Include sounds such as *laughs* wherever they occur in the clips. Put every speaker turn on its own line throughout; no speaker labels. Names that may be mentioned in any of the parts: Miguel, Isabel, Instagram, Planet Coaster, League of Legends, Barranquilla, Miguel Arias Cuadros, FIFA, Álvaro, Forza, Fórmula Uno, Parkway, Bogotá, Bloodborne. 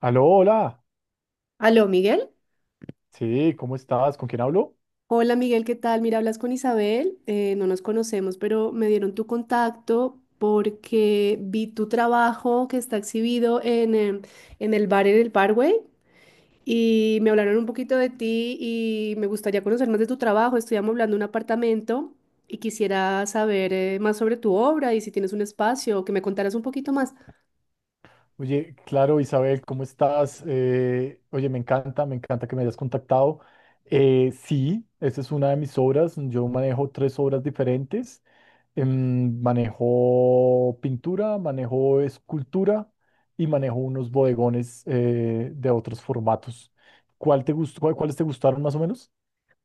Aló, hola.
Aló, Miguel.
Sí, ¿cómo estás? ¿Con quién hablo?
Hola, Miguel, ¿qué tal? Mira, hablas con Isabel. No nos conocemos, pero me dieron tu contacto porque vi tu trabajo que está exhibido en el bar en el Parkway y me hablaron un poquito de ti y me gustaría conocer más de tu trabajo. Estoy amoblando un apartamento y quisiera saber más sobre tu obra y si tienes un espacio, que me contaras un poquito más.
Oye, claro, Isabel, ¿cómo estás? Oye, me encanta que me hayas contactado. Sí, esa es una de mis obras. Yo manejo tres obras diferentes. Manejo pintura, manejo escultura y manejo unos bodegones de otros formatos. ¿Cuál te gustó, cuáles te gustaron más o menos?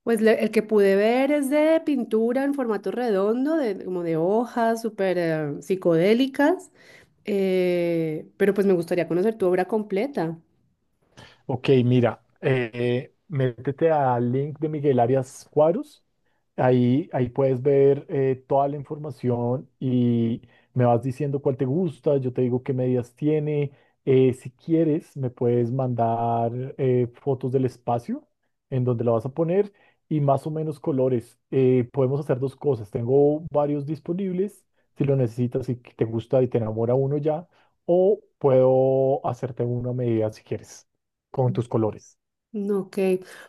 Pues el que pude ver es de pintura en formato redondo, de, como de hojas súper psicodélicas. Pero pues me gustaría conocer tu obra completa.
Ok, mira, métete al link de Miguel Arias Cuadros. Ahí puedes ver toda la información y me vas diciendo cuál te gusta, yo te digo qué medidas tiene. Si quieres, me puedes mandar fotos del espacio en donde la vas a poner y más o menos colores. Podemos hacer dos cosas. Tengo varios disponibles, si lo necesitas, si te gusta y te enamora uno ya, o puedo hacerte una medida si quieres, con tus colores.
Mm, ok,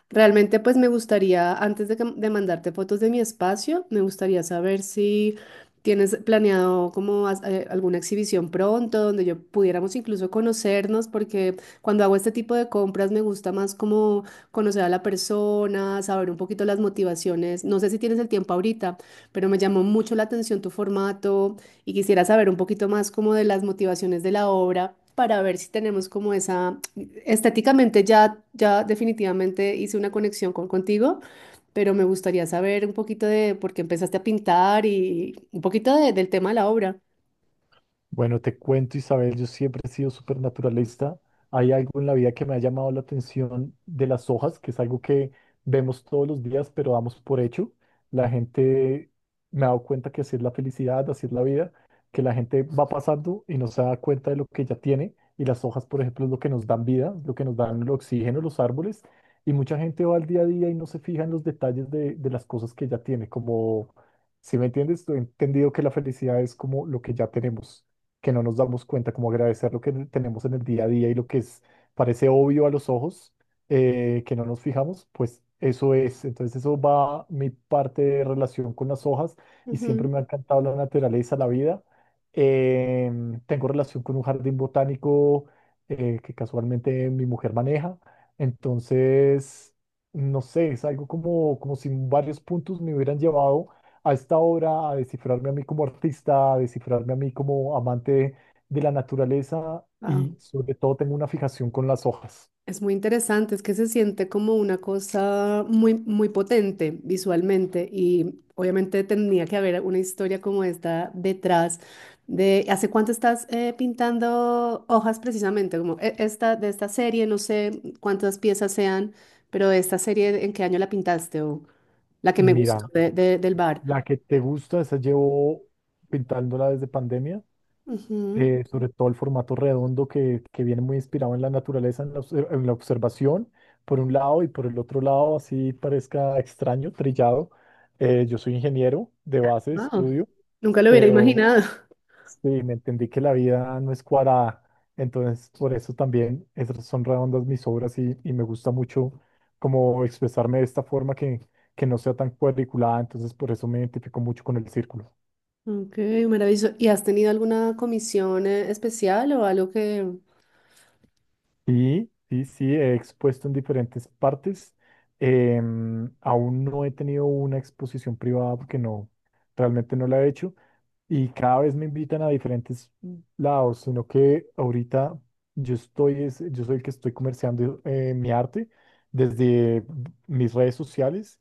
realmente pues me gustaría, antes de mandarte fotos de mi espacio, me gustaría saber si tienes planeado como alguna exhibición pronto donde yo pudiéramos incluso conocernos, porque cuando hago este tipo de compras me gusta más como conocer a la persona, saber un poquito las motivaciones. No sé si tienes el tiempo ahorita, pero me llamó mucho la atención tu formato. Y quisiera saber un poquito más como de las motivaciones de la obra para ver si tenemos como esa, estéticamente ya, ya definitivamente hice una conexión contigo, pero me gustaría saber un poquito de por qué empezaste a pintar y un poquito del tema de la obra.
Bueno, te cuento, Isabel, yo siempre he sido súper naturalista. Hay algo en la vida que me ha llamado la atención de las hojas, que es algo que vemos todos los días, pero damos por hecho. La gente me ha dado cuenta que así es la felicidad, así es la vida, que la gente va pasando y no se da cuenta de lo que ya tiene. Y las hojas, por ejemplo, es lo que nos dan vida, lo que nos dan el oxígeno, los árboles. Y mucha gente va al día a día y no se fija en los detalles de las cosas que ya tiene, como... Si me entiendes, he entendido que la felicidad es como lo que ya tenemos que no nos damos cuenta, como agradecer lo que tenemos en el día a día y lo que es, parece obvio a los ojos, que no nos fijamos, pues eso es. Entonces eso va mi parte de relación con las hojas y siempre me
Ujú.
ha encantado la naturaleza, la vida. Tengo relación con un jardín botánico que casualmente mi mujer maneja. Entonces, no sé, es algo como, como si varios puntos me hubieran llevado a esta obra, a descifrarme a mí como artista, a descifrarme a mí como amante de la naturaleza y sobre todo tengo una fijación con las hojas.
Es muy interesante, es que se siente como una cosa muy, muy potente visualmente y obviamente tenía que haber una historia como esta detrás de ¿hace cuánto estás pintando hojas precisamente? Como esta, de esta serie, no sé cuántas piezas sean, pero esta serie, ¿en qué año la pintaste? O la que me gustó
Mira,
del bar.
la que te gusta, esa llevo pintándola desde pandemia,
Ujú.
sobre todo el formato redondo que viene muy inspirado en la naturaleza, en la, en la observación, por un lado y por el otro lado, así parezca extraño, trillado. Yo soy ingeniero de base de
Wow,
estudio
nunca lo hubiera
pero
imaginado.
sí, me entendí que la vida no es cuadrada, entonces por eso también esas son redondas mis obras y me gusta mucho como expresarme de esta forma que no sea tan cuadriculada, entonces por eso me identifico mucho con el círculo.
Ok, maravilloso. ¿Y has tenido alguna comisión especial o algo que...
Y sí, sí, he expuesto en diferentes partes, aún no he tenido una exposición privada porque no, realmente no la he hecho, y cada vez me invitan a diferentes lados, sino que ahorita yo estoy, yo soy el que estoy comerciando mi arte desde mis redes sociales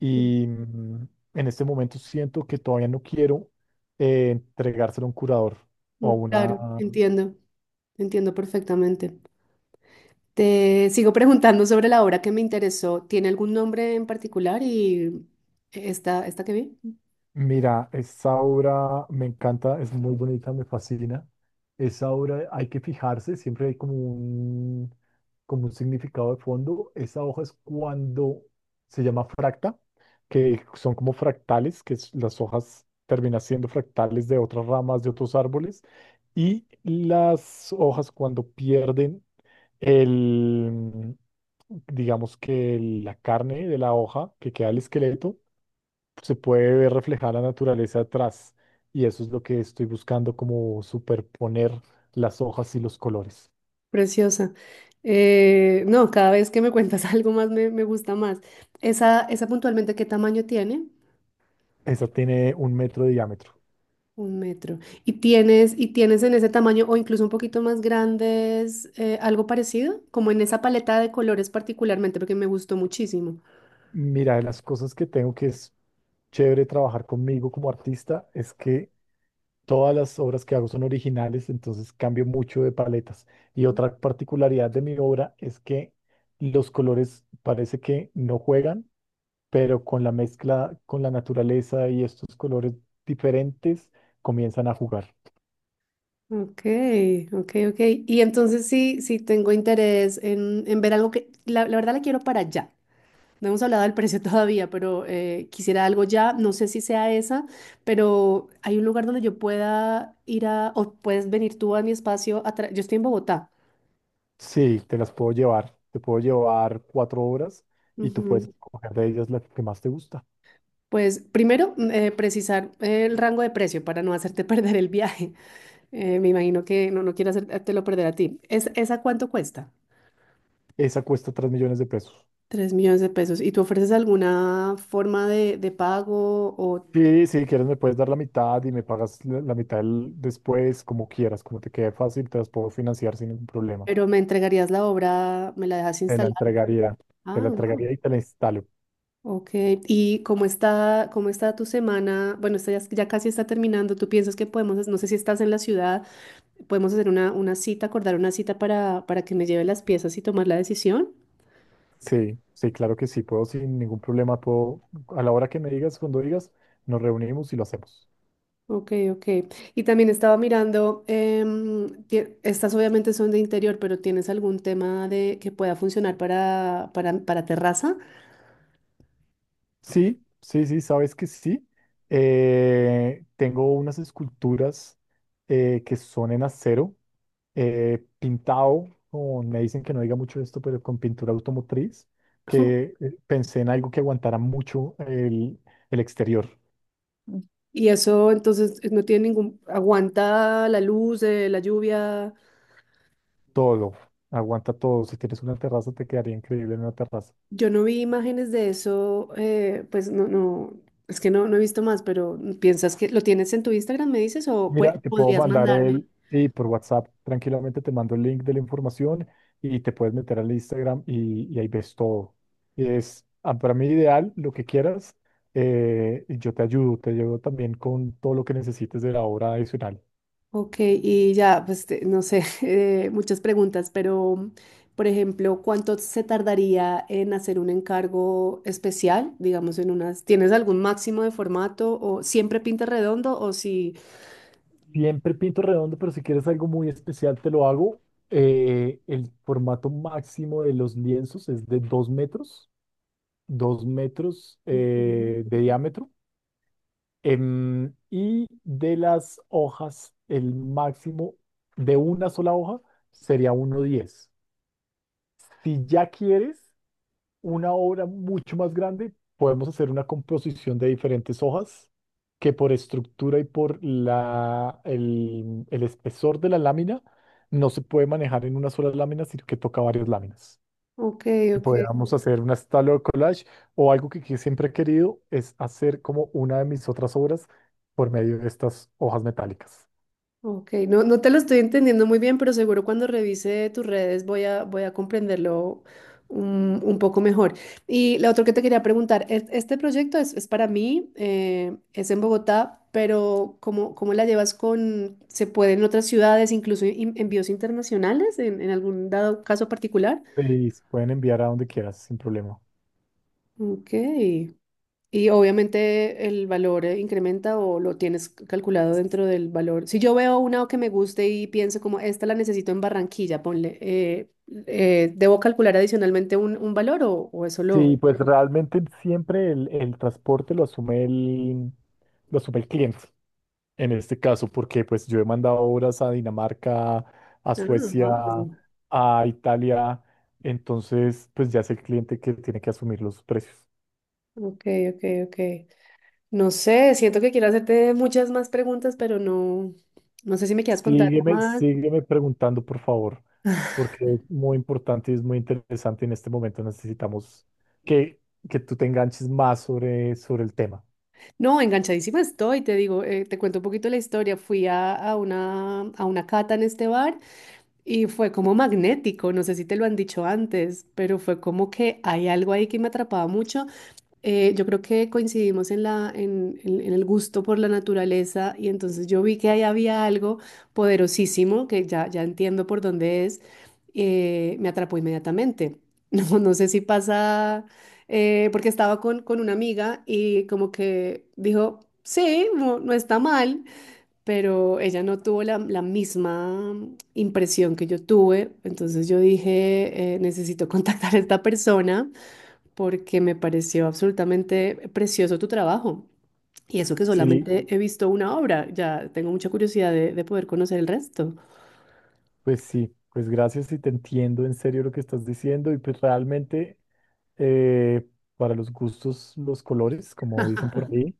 y en este momento siento que todavía no quiero entregárselo a un curador o
Mm,
a una,
claro, entiendo, entiendo perfectamente. Te sigo preguntando sobre la obra que me interesó. ¿Tiene algún nombre en particular y esta que vi?
Mira, esa obra me encanta, es muy bonita, me fascina. Esa obra hay que fijarse, siempre hay como un significado de fondo. Esa hoja es cuando se llama fracta, que son como fractales, las hojas terminan siendo fractales de otras ramas, de otros árboles. Y las hojas cuando pierden el, digamos que la carne de la hoja, que queda el esqueleto se puede ver reflejada la naturaleza atrás y eso es lo que estoy buscando como superponer las hojas y los colores.
Preciosa. No, cada vez que me cuentas *laughs* algo más me gusta más. Esa puntualmente, ¿qué tamaño tiene?
Esa tiene 1 metro de diámetro.
1 metro. ¿Y tienes en ese tamaño o incluso un poquito más grandes algo parecido? Como en esa paleta de colores particularmente, porque me gustó muchísimo.
Mira, de las cosas que tengo que es chévere trabajar conmigo como artista es que todas las obras que hago son originales, entonces cambio mucho de paletas. Y otra particularidad de mi obra es que los colores parece que no juegan, pero con la mezcla, con la naturaleza y estos colores diferentes comienzan a jugar.
Ok, ok, ok. Y entonces sí tengo interés en ver algo que, la verdad la quiero para ya. No hemos hablado del precio *laughs* todavía, pero quisiera algo ya. No sé si sea esa, pero hay un lugar donde yo pueda ir a, o puedes venir tú a mi espacio. Yo estoy en Bogotá.
Sí, te las puedo llevar. Te puedo llevar cuatro obras y tú puedes
Ujú.
escoger de ellas la que más te gusta.
Pues primero, precisar el rango de precio para no hacerte *laughs* perder el viaje. Me imagino que no quiero hacértelo perder a ti. ¿Esa cuánto cuesta?
Esa cuesta 3 millones de pesos.
3 millones de pesos. ¿Y tú ofreces alguna forma de pago o,
Sí, si quieres me puedes dar la mitad y me pagas la, la mitad después, como quieras, como te quede fácil, te las puedo financiar sin ningún problema.
pero me entregarías la obra, me la dejas
Te la
instalar?
entregaría, te
Ah,
la
wow.
entregaría y te la instalo.
Ok. ¿Y cómo está tu semana? Bueno, esta ya, ya casi está terminando. ¿Tú piensas que podemos, no sé si estás en la ciudad, podemos hacer una cita, acordar una cita para que me lleve las piezas y tomar la decisión?
Sí, sí, claro que sí, puedo sin ningún problema, puedo, a la hora que me digas, cuando digas, nos reunimos y lo hacemos.
Ok, ok. Y también estaba mirando, estas obviamente son de interior, pero ¿tienes algún tema de que pueda funcionar para terraza?
Sí, sí, sí, sabes que sí. Tengo unas esculturas que son en acero, pintado, me dicen que no diga mucho esto, pero con pintura automotriz,
*laughs*
que pensé en algo que aguantara mucho el exterior,
Y eso entonces no tiene aguanta la luz, la lluvia.
todo, aguanta todo. Si tienes una terraza, te quedaría increíble en una terraza.
Yo no vi imágenes de eso, pues no, no, es que no he visto más, pero ¿piensas que lo tienes en tu Instagram, me dices, o
Mira, te puedo
podrías
mandar
mandarme?
el, y por WhatsApp tranquilamente te mando el link de la información y te puedes meter al Instagram y ahí ves todo. Y es ah, para mí ideal lo que quieras y yo te ayudo también con todo lo que necesites de la obra adicional.
Ok, y ya, pues no sé, *laughs* muchas preguntas, pero por ejemplo, ¿cuánto se tardaría en hacer un encargo especial? Digamos, en unas, ¿tienes algún máximo de formato o siempre pinta redondo o si...
Siempre pinto redondo, pero si quieres algo muy especial te lo hago. El formato máximo de los lienzos es de 2 metros, 2 metros
Ujú.
de diámetro. Y de las hojas, el máximo de una sola hoja sería 1,10. Si ya quieres una obra mucho más grande, podemos hacer una composición de diferentes hojas que por estructura y por la, el espesor de la lámina no se puede manejar en una sola lámina, sino que toca varias láminas
Ok,
que
ok.
podamos hacer una style or collage o algo que siempre he querido es hacer como una de mis otras obras por medio de estas hojas metálicas.
Ok, no, no te lo estoy entendiendo muy bien, pero seguro cuando revise tus redes voy a comprenderlo un poco mejor. Y lo otro que te quería preguntar, este proyecto es para mí, es en Bogotá, pero ¿cómo la llevas con, se puede en otras ciudades, incluso envíos internacionales, en algún dado caso particular?
Y se pueden enviar a donde quieras sin problema.
Ok. Y obviamente el valor incrementa o lo tienes calculado dentro del valor. Si yo veo una que me guste y pienso como esta la necesito en Barranquilla, ponle, ¿debo calcular adicionalmente un valor o eso lo...
Sí, pues realmente siempre el transporte lo asume el cliente en este caso, porque pues yo he mandado obras a Dinamarca, a
Ah,
Suecia,
wow.
a Italia, entonces pues ya es el cliente que tiene que asumir los precios.
Ok, ok, ok. No sé, siento que quiero hacerte muchas más preguntas, pero no, no sé si me quieras contar
Sígueme,
más.
sígueme preguntando, por favor,
*laughs*
porque es muy importante y es muy interesante. En este momento necesitamos que, que tú te enganches más sobre, sobre el tema.
No, enganchadísima estoy, te digo, te cuento un poquito la historia. Fui a una cata en este bar. Y fue como magnético, no sé si te lo han dicho antes, pero fue como que hay algo ahí que me atrapaba mucho. Yo creo que coincidimos en el gusto por la naturaleza y entonces yo vi que ahí había algo poderosísimo, que ya, ya entiendo por dónde es, me atrapó inmediatamente. *laughs* No, no sé si pasa, porque estaba con una amiga y como que dijo, sí, no está mal, pero ella no tuvo la misma impresión que yo tuve, entonces yo dije, necesito *laughs* contactar a esta persona porque me pareció absolutamente precioso tu trabajo. Y eso que
Sí,
solamente he visto una obra, ya tengo mucha curiosidad de poder conocer el resto.
sí, pues gracias y te entiendo en serio lo que estás diciendo y pues realmente eh, para los gustos, los colores, como dicen por ahí.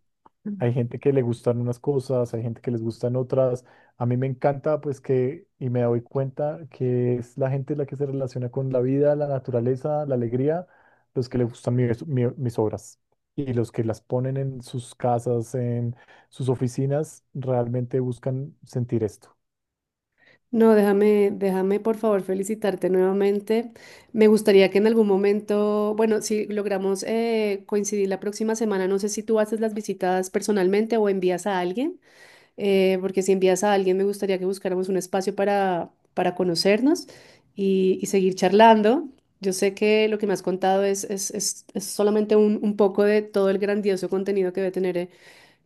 Hay gente que le gustan unas cosas, hay gente que les gustan otras. A mí me encanta, pues que, y me doy cuenta que es la gente la que se relaciona con la vida, la naturaleza, la alegría, los que les gustan mis obras. Y los que las ponen en sus casas, en sus oficinas, realmente buscan sentir esto.
No, déjame, déjame por favor felicitarte nuevamente. Me gustaría que en algún momento, bueno, si logramos coincidir la próxima semana, no sé si tú haces las visitas personalmente o envías a alguien. Porque si envías a alguien me gustaría que buscáramos un espacio para conocernos y seguir charlando. Yo sé que lo que me has contado es solamente un poco de todo el grandioso contenido que debe tener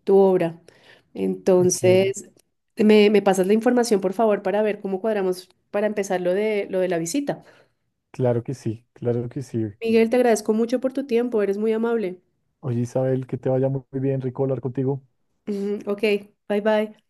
tu obra.
Ok,
Entonces, me pasas la información, por favor, para ver cómo cuadramos para empezar lo de la visita.
claro que sí, claro que sí.
Miguel, te agradezco mucho por tu tiempo, eres muy amable.
Oye, Isabel, que te vaya muy bien, rico hablar contigo.
Ujú. Ok. Bye bye.